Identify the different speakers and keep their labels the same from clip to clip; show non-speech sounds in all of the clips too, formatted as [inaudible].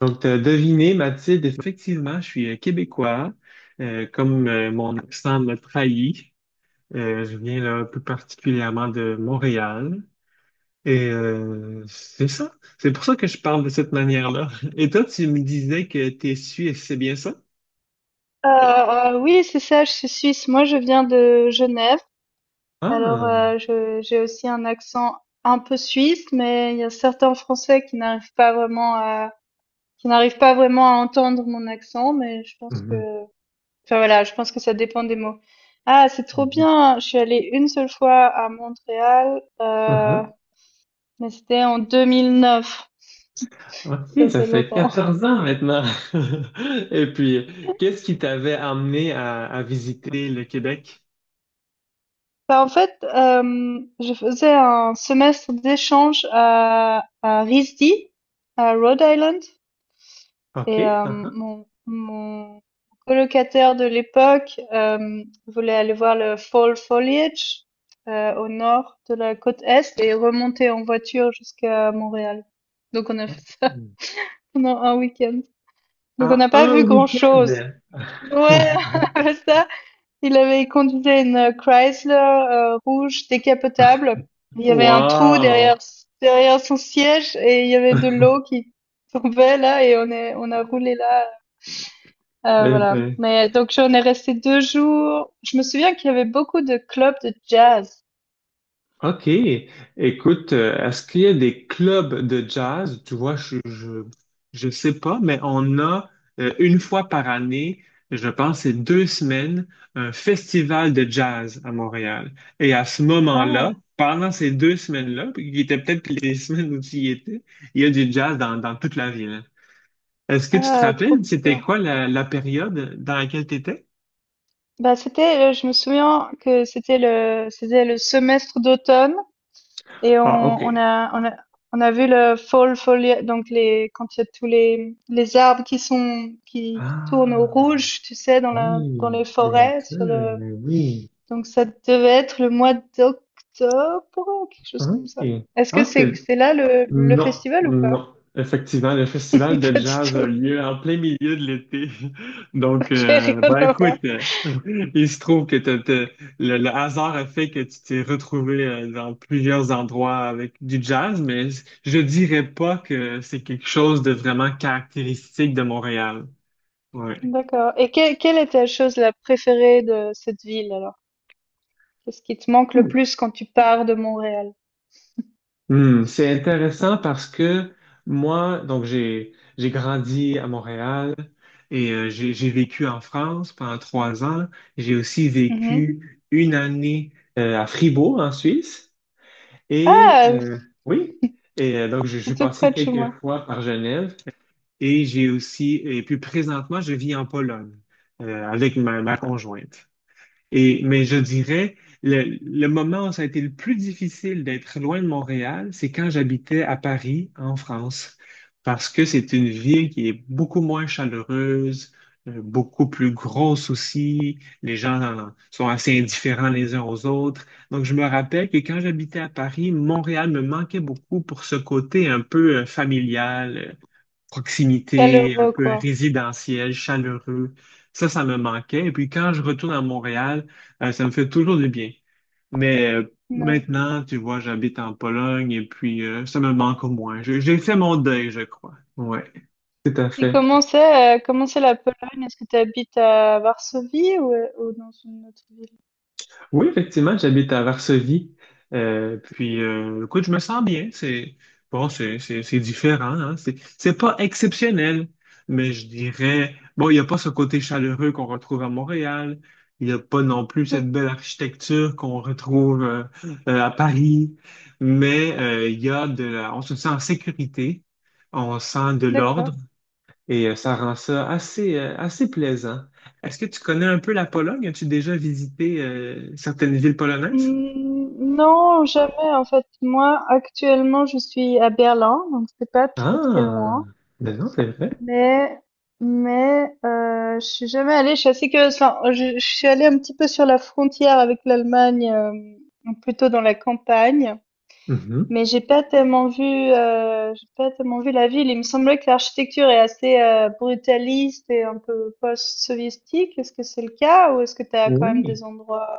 Speaker 1: Donc, t'as deviné, Mathilde, effectivement, je suis québécois. Comme mon accent me trahit, je viens là plus particulièrement de Montréal. Et c'est ça. C'est pour ça que je parle de cette manière-là. [laughs] Et toi, tu me disais que tu es suisse, c'est bien ça?
Speaker 2: Oui, c'est ça, je suis suisse. Moi, je viens de Genève. Alors,
Speaker 1: Ah!
Speaker 2: je j'ai aussi un accent un peu suisse, mais il y a certains Français qui n'arrivent pas vraiment à entendre mon accent, mais je pense que
Speaker 1: Mhm,
Speaker 2: enfin, voilà, je pense que ça dépend des mots. Ah, c'est trop
Speaker 1: mhm,
Speaker 2: bien! Je suis allée une seule fois à Montréal,
Speaker 1: mhm.
Speaker 2: mais c'était en 2009.
Speaker 1: OK,
Speaker 2: Ça
Speaker 1: ça
Speaker 2: fait
Speaker 1: fait
Speaker 2: longtemps.
Speaker 1: 14 ans maintenant. [laughs] Et puis, qu'est-ce qui t'avait amené à visiter le Québec?
Speaker 2: Bah, en fait, je faisais un semestre d'échange à RISD, à Rhode Island, et
Speaker 1: OK.
Speaker 2: mon colocataire de l'époque voulait aller voir le fall foliage au nord de la côte est et remonter en voiture jusqu'à Montréal. Donc on a fait ça
Speaker 1: Uh-huh.
Speaker 2: [laughs] pendant un week-end. Donc on
Speaker 1: À
Speaker 2: n'a pas
Speaker 1: un
Speaker 2: vu grand-chose.
Speaker 1: week-end?
Speaker 2: Ouais,
Speaker 1: [laughs]
Speaker 2: [laughs] ça. Il conduisait une Chrysler, rouge décapotable. Il y avait un trou derrière
Speaker 1: Wow!
Speaker 2: derrière son siège et il y avait de l'eau qui tombait là et on a roulé là,
Speaker 1: Eh
Speaker 2: voilà.
Speaker 1: ben,
Speaker 2: Mais donc j'en ai resté 2 jours. Je me souviens qu'il y avait beaucoup de clubs de jazz.
Speaker 1: OK. Écoute, est-ce qu'il y a des clubs de jazz? Tu vois, je sais pas, mais on a une fois par année, je pense, c'est 2 semaines, un festival de jazz à Montréal. Et à ce moment-là,
Speaker 2: Ah!
Speaker 1: pendant ces 2 semaines-là, puis qui étaient peut-être les [laughs] semaines où tu y étais, il y a du jazz dans toute la ville. Est-ce que tu te
Speaker 2: Ah, trop
Speaker 1: rappelles, c'était
Speaker 2: bien.
Speaker 1: quoi la période dans laquelle tu étais?
Speaker 2: Bah, c'était, je me souviens que c'était le semestre d'automne. Et on,
Speaker 1: Ah, ok.
Speaker 2: on a, on a, on a vu le fall folia, donc quand il y a tous les arbres qui tournent au
Speaker 1: Ah,
Speaker 2: rouge, tu sais,
Speaker 1: oui,
Speaker 2: dans les
Speaker 1: bien
Speaker 2: forêts, sur
Speaker 1: sûr,
Speaker 2: le,
Speaker 1: mais oui.
Speaker 2: donc ça devait être le mois d'octobre, quelque chose comme ça.
Speaker 1: Ok.
Speaker 2: Est-ce que
Speaker 1: Ok.
Speaker 2: c'est là le
Speaker 1: Non,
Speaker 2: festival ou pas?
Speaker 1: non. Effectivement, le festival
Speaker 2: [laughs]
Speaker 1: de
Speaker 2: Pas du
Speaker 1: jazz a
Speaker 2: tout.
Speaker 1: lieu en plein milieu de l'été. [laughs] Donc,
Speaker 2: Ok, rien
Speaker 1: ben
Speaker 2: à
Speaker 1: écoute,
Speaker 2: voir.
Speaker 1: [laughs] il se trouve que le hasard a fait que tu t'es retrouvé dans plusieurs endroits avec du jazz, mais je dirais pas que c'est quelque chose de vraiment caractéristique de Montréal. Ouais.
Speaker 2: D'accord. Et quelle est ta chose la préférée de cette ville alors? Qu'est-ce qui te manque le plus quand tu pars de Montréal?
Speaker 1: Hmm, c'est intéressant parce que moi, donc j'ai grandi à Montréal et j'ai vécu en France pendant 3 ans. J'ai aussi
Speaker 2: Mm-hmm.
Speaker 1: vécu une année à Fribourg en Suisse et
Speaker 2: Ah!
Speaker 1: oui et donc je suis
Speaker 2: C'est tout
Speaker 1: passé
Speaker 2: près de chez
Speaker 1: quelques
Speaker 2: moi.
Speaker 1: fois par Genève et j'ai aussi et puis présentement je vis en Pologne avec ma conjointe. Mais je dirais, le moment où ça a été le plus difficile d'être loin de Montréal, c'est quand j'habitais à Paris, en France, parce que c'est une ville qui est beaucoup moins chaleureuse, beaucoup plus grosse aussi. Les gens sont assez indifférents les uns aux autres. Donc, je me rappelle que quand j'habitais à Paris, Montréal me manquait beaucoup pour ce côté un peu familial, proximité, un
Speaker 2: Chaleureux,
Speaker 1: peu
Speaker 2: quoi.
Speaker 1: résidentiel, chaleureux. Ça me manquait. Et puis quand je retourne à Montréal, ça me fait toujours du bien. Mais
Speaker 2: Ouais.
Speaker 1: maintenant, tu vois, j'habite en Pologne et puis ça me manque au moins. J'ai fait mon deuil, je crois. Ouais, tout à
Speaker 2: Et
Speaker 1: fait.
Speaker 2: comment c'est la Pologne? Est-ce que tu habites à Varsovie ou dans une autre ville?
Speaker 1: Oui, effectivement, j'habite à Varsovie. Puis, écoute, je me sens bien. C'est bon, c'est différent. Hein? C'est pas exceptionnel, mais je dirais bon, il n'y a pas ce côté chaleureux qu'on retrouve à Montréal. Il n'y a pas non plus
Speaker 2: Mmh,
Speaker 1: cette belle architecture qu'on retrouve à Paris. Mais il y a on se sent en sécurité. On sent de l'ordre.
Speaker 2: d'accord.
Speaker 1: Et ça rend ça assez plaisant. Est-ce que tu connais un peu la Pologne? As-tu déjà visité certaines villes polonaises?
Speaker 2: Mmh, non, jamais, en fait. Moi, actuellement, je suis à Berlin, donc c'est pas très, très
Speaker 1: Ah,
Speaker 2: loin.
Speaker 1: ben non, c'est vrai.
Speaker 2: Mais mais je suis jamais allée. Je suis assez curieuse. Enfin, je suis allée un petit peu sur la frontière avec l'Allemagne, plutôt dans la campagne.
Speaker 1: Mhm.
Speaker 2: Mais j'ai pas tellement vu la ville. Il me semblait que l'architecture est assez, brutaliste et un peu post-soviétique. Est-ce que c'est le cas ou est-ce que tu as quand même des
Speaker 1: Oui,
Speaker 2: endroits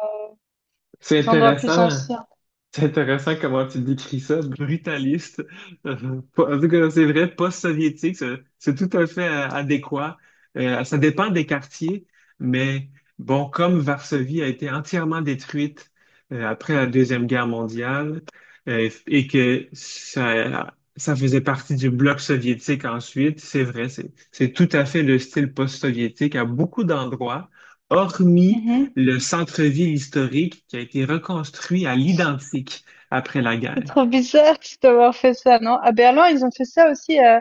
Speaker 1: c'est
Speaker 2: des endroits plus
Speaker 1: intéressant.
Speaker 2: anciens?
Speaker 1: C'est intéressant comment tu décris ça, brutaliste. En tout cas, c'est vrai, post-soviétique, c'est tout à fait adéquat. Ça dépend des quartiers, mais bon, comme Varsovie a été entièrement détruite après la Deuxième Guerre mondiale et que ça faisait partie du bloc soviétique ensuite, c'est vrai, c'est tout à fait le style post-soviétique à beaucoup d'endroits, hormis
Speaker 2: Mmh
Speaker 1: le centre-ville historique qui a été reconstruit à l'identique après la
Speaker 2: C'est
Speaker 1: guerre.
Speaker 2: trop bizarre [laughs] d'avoir fait ça, non? À Berlin, ils ont fait ça aussi,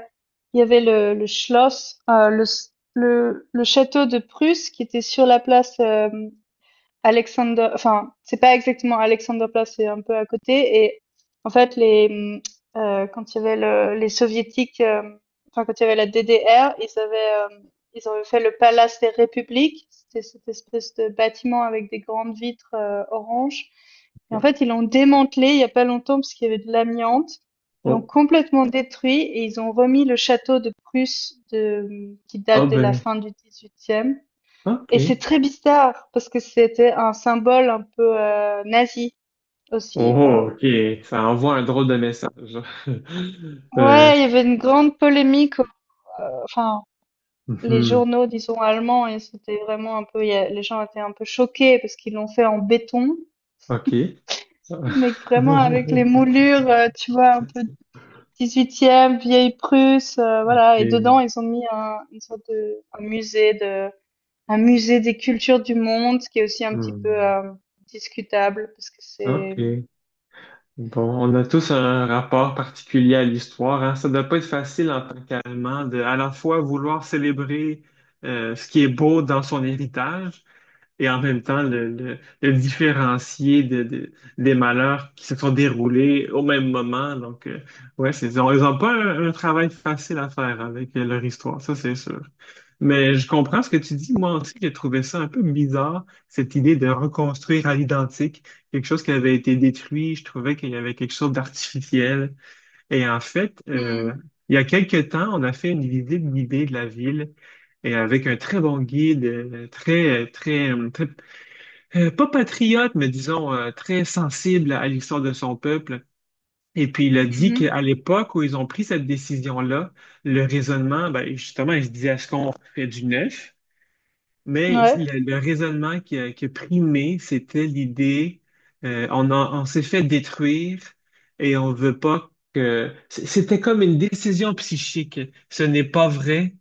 Speaker 2: il y avait le Schloss, le s le château de Prusse qui était sur la place, hem Alexander, enfin, c'est pas exactement Alexanderplatz, c'est un peu à côté. Et en fait, quand il y avait les soviétiques, enfin, quand il y avait la DDR, ils avaient fait le Palace des Républiques. C'était cette espèce de bâtiment avec des grandes vitres orange. Et en fait, ils l'ont démantelé il y a pas longtemps parce qu'il y avait de l'amiante. Ils l'ont
Speaker 1: Oh,
Speaker 2: complètement détruit et ils ont remis le château de Prusse qui
Speaker 1: oh
Speaker 2: date de la
Speaker 1: ben,
Speaker 2: fin du XVIIIe. Et c'est
Speaker 1: OK.
Speaker 2: très bizarre parce que c'était un symbole un peu nazi aussi.
Speaker 1: Oh, OK. Ça envoie un drôle de message. [laughs] Euh,
Speaker 2: Ouais, il y avait une grande polémique, enfin les
Speaker 1: mhm,
Speaker 2: journaux disons allemands et c'était vraiment un peu, les gens étaient un peu choqués parce qu'ils l'ont fait en béton,
Speaker 1: OK. Ça-
Speaker 2: mais vraiment avec les
Speaker 1: [laughs]
Speaker 2: moulures, tu vois, un peu 18e, vieille Prusse, voilà. Et
Speaker 1: OK.
Speaker 2: dedans ils ont mis une sorte de un musée des cultures du monde, ce qui est aussi un petit peu
Speaker 1: Hmm,
Speaker 2: discutable parce que c'est.
Speaker 1: OK. Bon, on a tous un rapport particulier à l'histoire, hein. Ça ne doit pas être facile en tant qu'Allemand de à la fois vouloir célébrer ce qui est beau dans son héritage, et en même temps le différencier des malheurs qui se sont déroulés au même moment. Donc, ouais, ils ont pas un travail facile à faire avec leur histoire, ça c'est sûr. Mais je comprends ce que tu dis. Moi aussi, j'ai trouvé ça un peu bizarre, cette idée de reconstruire à l'identique quelque chose qui avait été détruit. Je trouvais qu'il y avait quelque chose d'artificiel. Et en fait,
Speaker 2: Hmm.
Speaker 1: il y a quelques temps, on a fait une visite guidée de la ville et avec un très bon guide, très, très, très pas patriote, mais disons très sensible à l'histoire de son peuple. Et puis il a dit
Speaker 2: Mmh,
Speaker 1: qu'à l'époque où ils ont pris cette décision-là, le raisonnement, ben, justement, il se disait, est-ce qu'on fait du neuf? Mais
Speaker 2: ouais.
Speaker 1: le raisonnement qui a primé, c'était l'idée, on s'est fait détruire et on veut pas que. C'était comme une décision psychique. Ce n'est pas vrai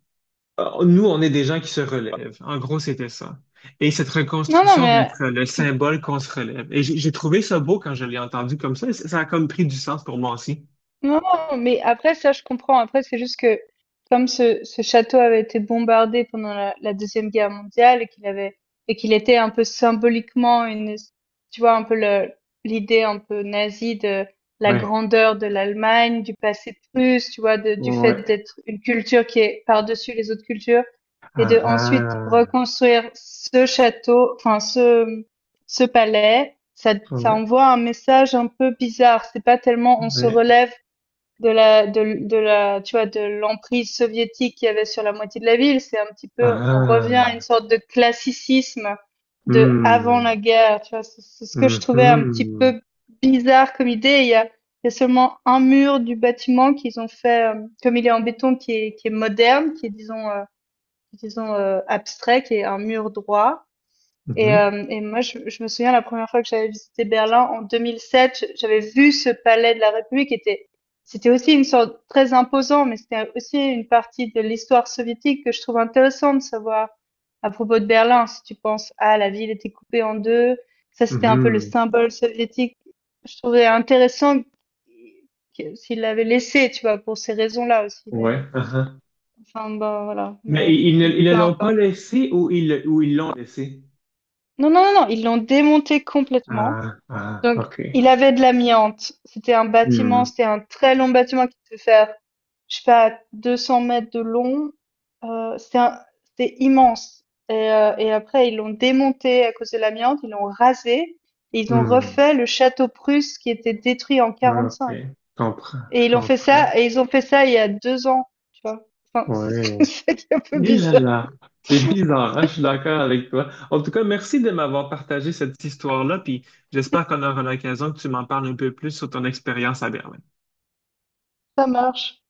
Speaker 1: euh, Nous, on est des gens qui se relèvent. En gros, c'était ça. Et cette
Speaker 2: Non, non,
Speaker 1: reconstruction va
Speaker 2: mais,
Speaker 1: être le
Speaker 2: heu,
Speaker 1: symbole qu'on se relève. Et j'ai trouvé ça beau quand je l'ai entendu comme ça. Ça a comme pris du sens pour moi aussi.
Speaker 2: Non, non, mais après, ça, je comprends. Après, c'est juste que, comme ce château avait été bombardé pendant la Deuxième Guerre mondiale et qu'il était un peu symboliquement une, tu vois, un peu l'idée un peu nazie de la
Speaker 1: Ouais,
Speaker 2: grandeur de l'Allemagne, du passé prusse, tu vois, du fait
Speaker 1: ouais,
Speaker 2: d'être une culture qui est par-dessus les autres cultures et de
Speaker 1: ah,
Speaker 2: ensuite
Speaker 1: ah,
Speaker 2: reconstruire ce château, enfin, ce palais. Ça
Speaker 1: ouais,
Speaker 2: envoie un message un peu bizarre. C'est pas tellement on se
Speaker 1: ouais,
Speaker 2: relève de la de de la tu vois de l'emprise soviétique qu'il y avait sur la moitié de la ville, c'est un petit
Speaker 1: ah,
Speaker 2: peu on revient à une
Speaker 1: ah.
Speaker 2: sorte de classicisme de avant
Speaker 1: Hmm,
Speaker 2: la guerre, tu vois, c'est ce que je trouvais un petit
Speaker 1: mhm,
Speaker 2: peu bizarre comme idée. Il y a seulement un mur du bâtiment qu'ils ont fait comme il est en béton qui est moderne, qui est disons abstrait, qui est un mur droit. et,
Speaker 1: mhm,
Speaker 2: euh, et moi, je me souviens la première fois que j'avais visité Berlin en 2007, j'avais vu ce palais de la République. C'était aussi une sorte très imposant, mais c'était aussi une partie de l'histoire soviétique que je trouve intéressant de savoir à propos de Berlin. Si tu penses, ah, la ville était coupée en deux, ça c'était un peu le
Speaker 1: mhm,
Speaker 2: symbole soviétique. Je trouvais intéressant s'il l'avait laissé, tu vois, pour ces raisons-là aussi. Mais
Speaker 1: ouais, ah, ah.
Speaker 2: enfin, bon, voilà.
Speaker 1: Mais
Speaker 2: Mais
Speaker 1: ils ne
Speaker 2: peu
Speaker 1: l'ont pas
Speaker 2: importe.
Speaker 1: laissé ou ils l'ont laissé?
Speaker 2: Non, non, non, non, ils l'ont démonté complètement.
Speaker 1: Ah, ah,
Speaker 2: Donc,
Speaker 1: ok.
Speaker 2: il avait de l'amiante.
Speaker 1: Hmm,
Speaker 2: C'était un très long bâtiment qui devait faire, je sais pas, 200 mètres de long. C'était immense. Et après, ils l'ont démonté à cause de l'amiante, ils l'ont rasé et ils ont
Speaker 1: hmm,
Speaker 2: refait le château Prusse qui était détruit en
Speaker 1: ok.
Speaker 2: 45.
Speaker 1: Je comprends,
Speaker 2: Et
Speaker 1: je
Speaker 2: ils ont fait
Speaker 1: comprends.
Speaker 2: ça, et ils ont fait ça il y a 2 ans, tu vois. Enfin, c'est
Speaker 1: Ouais.
Speaker 2: [laughs] c'est ça qui est un peu
Speaker 1: Et là
Speaker 2: bizarre.
Speaker 1: là, c'est bizarre, hein. Je suis d'accord avec toi. En tout cas, merci de m'avoir partagé cette histoire-là, puis j'espère qu'on aura l'occasion que tu m'en parles un peu plus sur ton expérience à Berlin.
Speaker 2: Ça marche.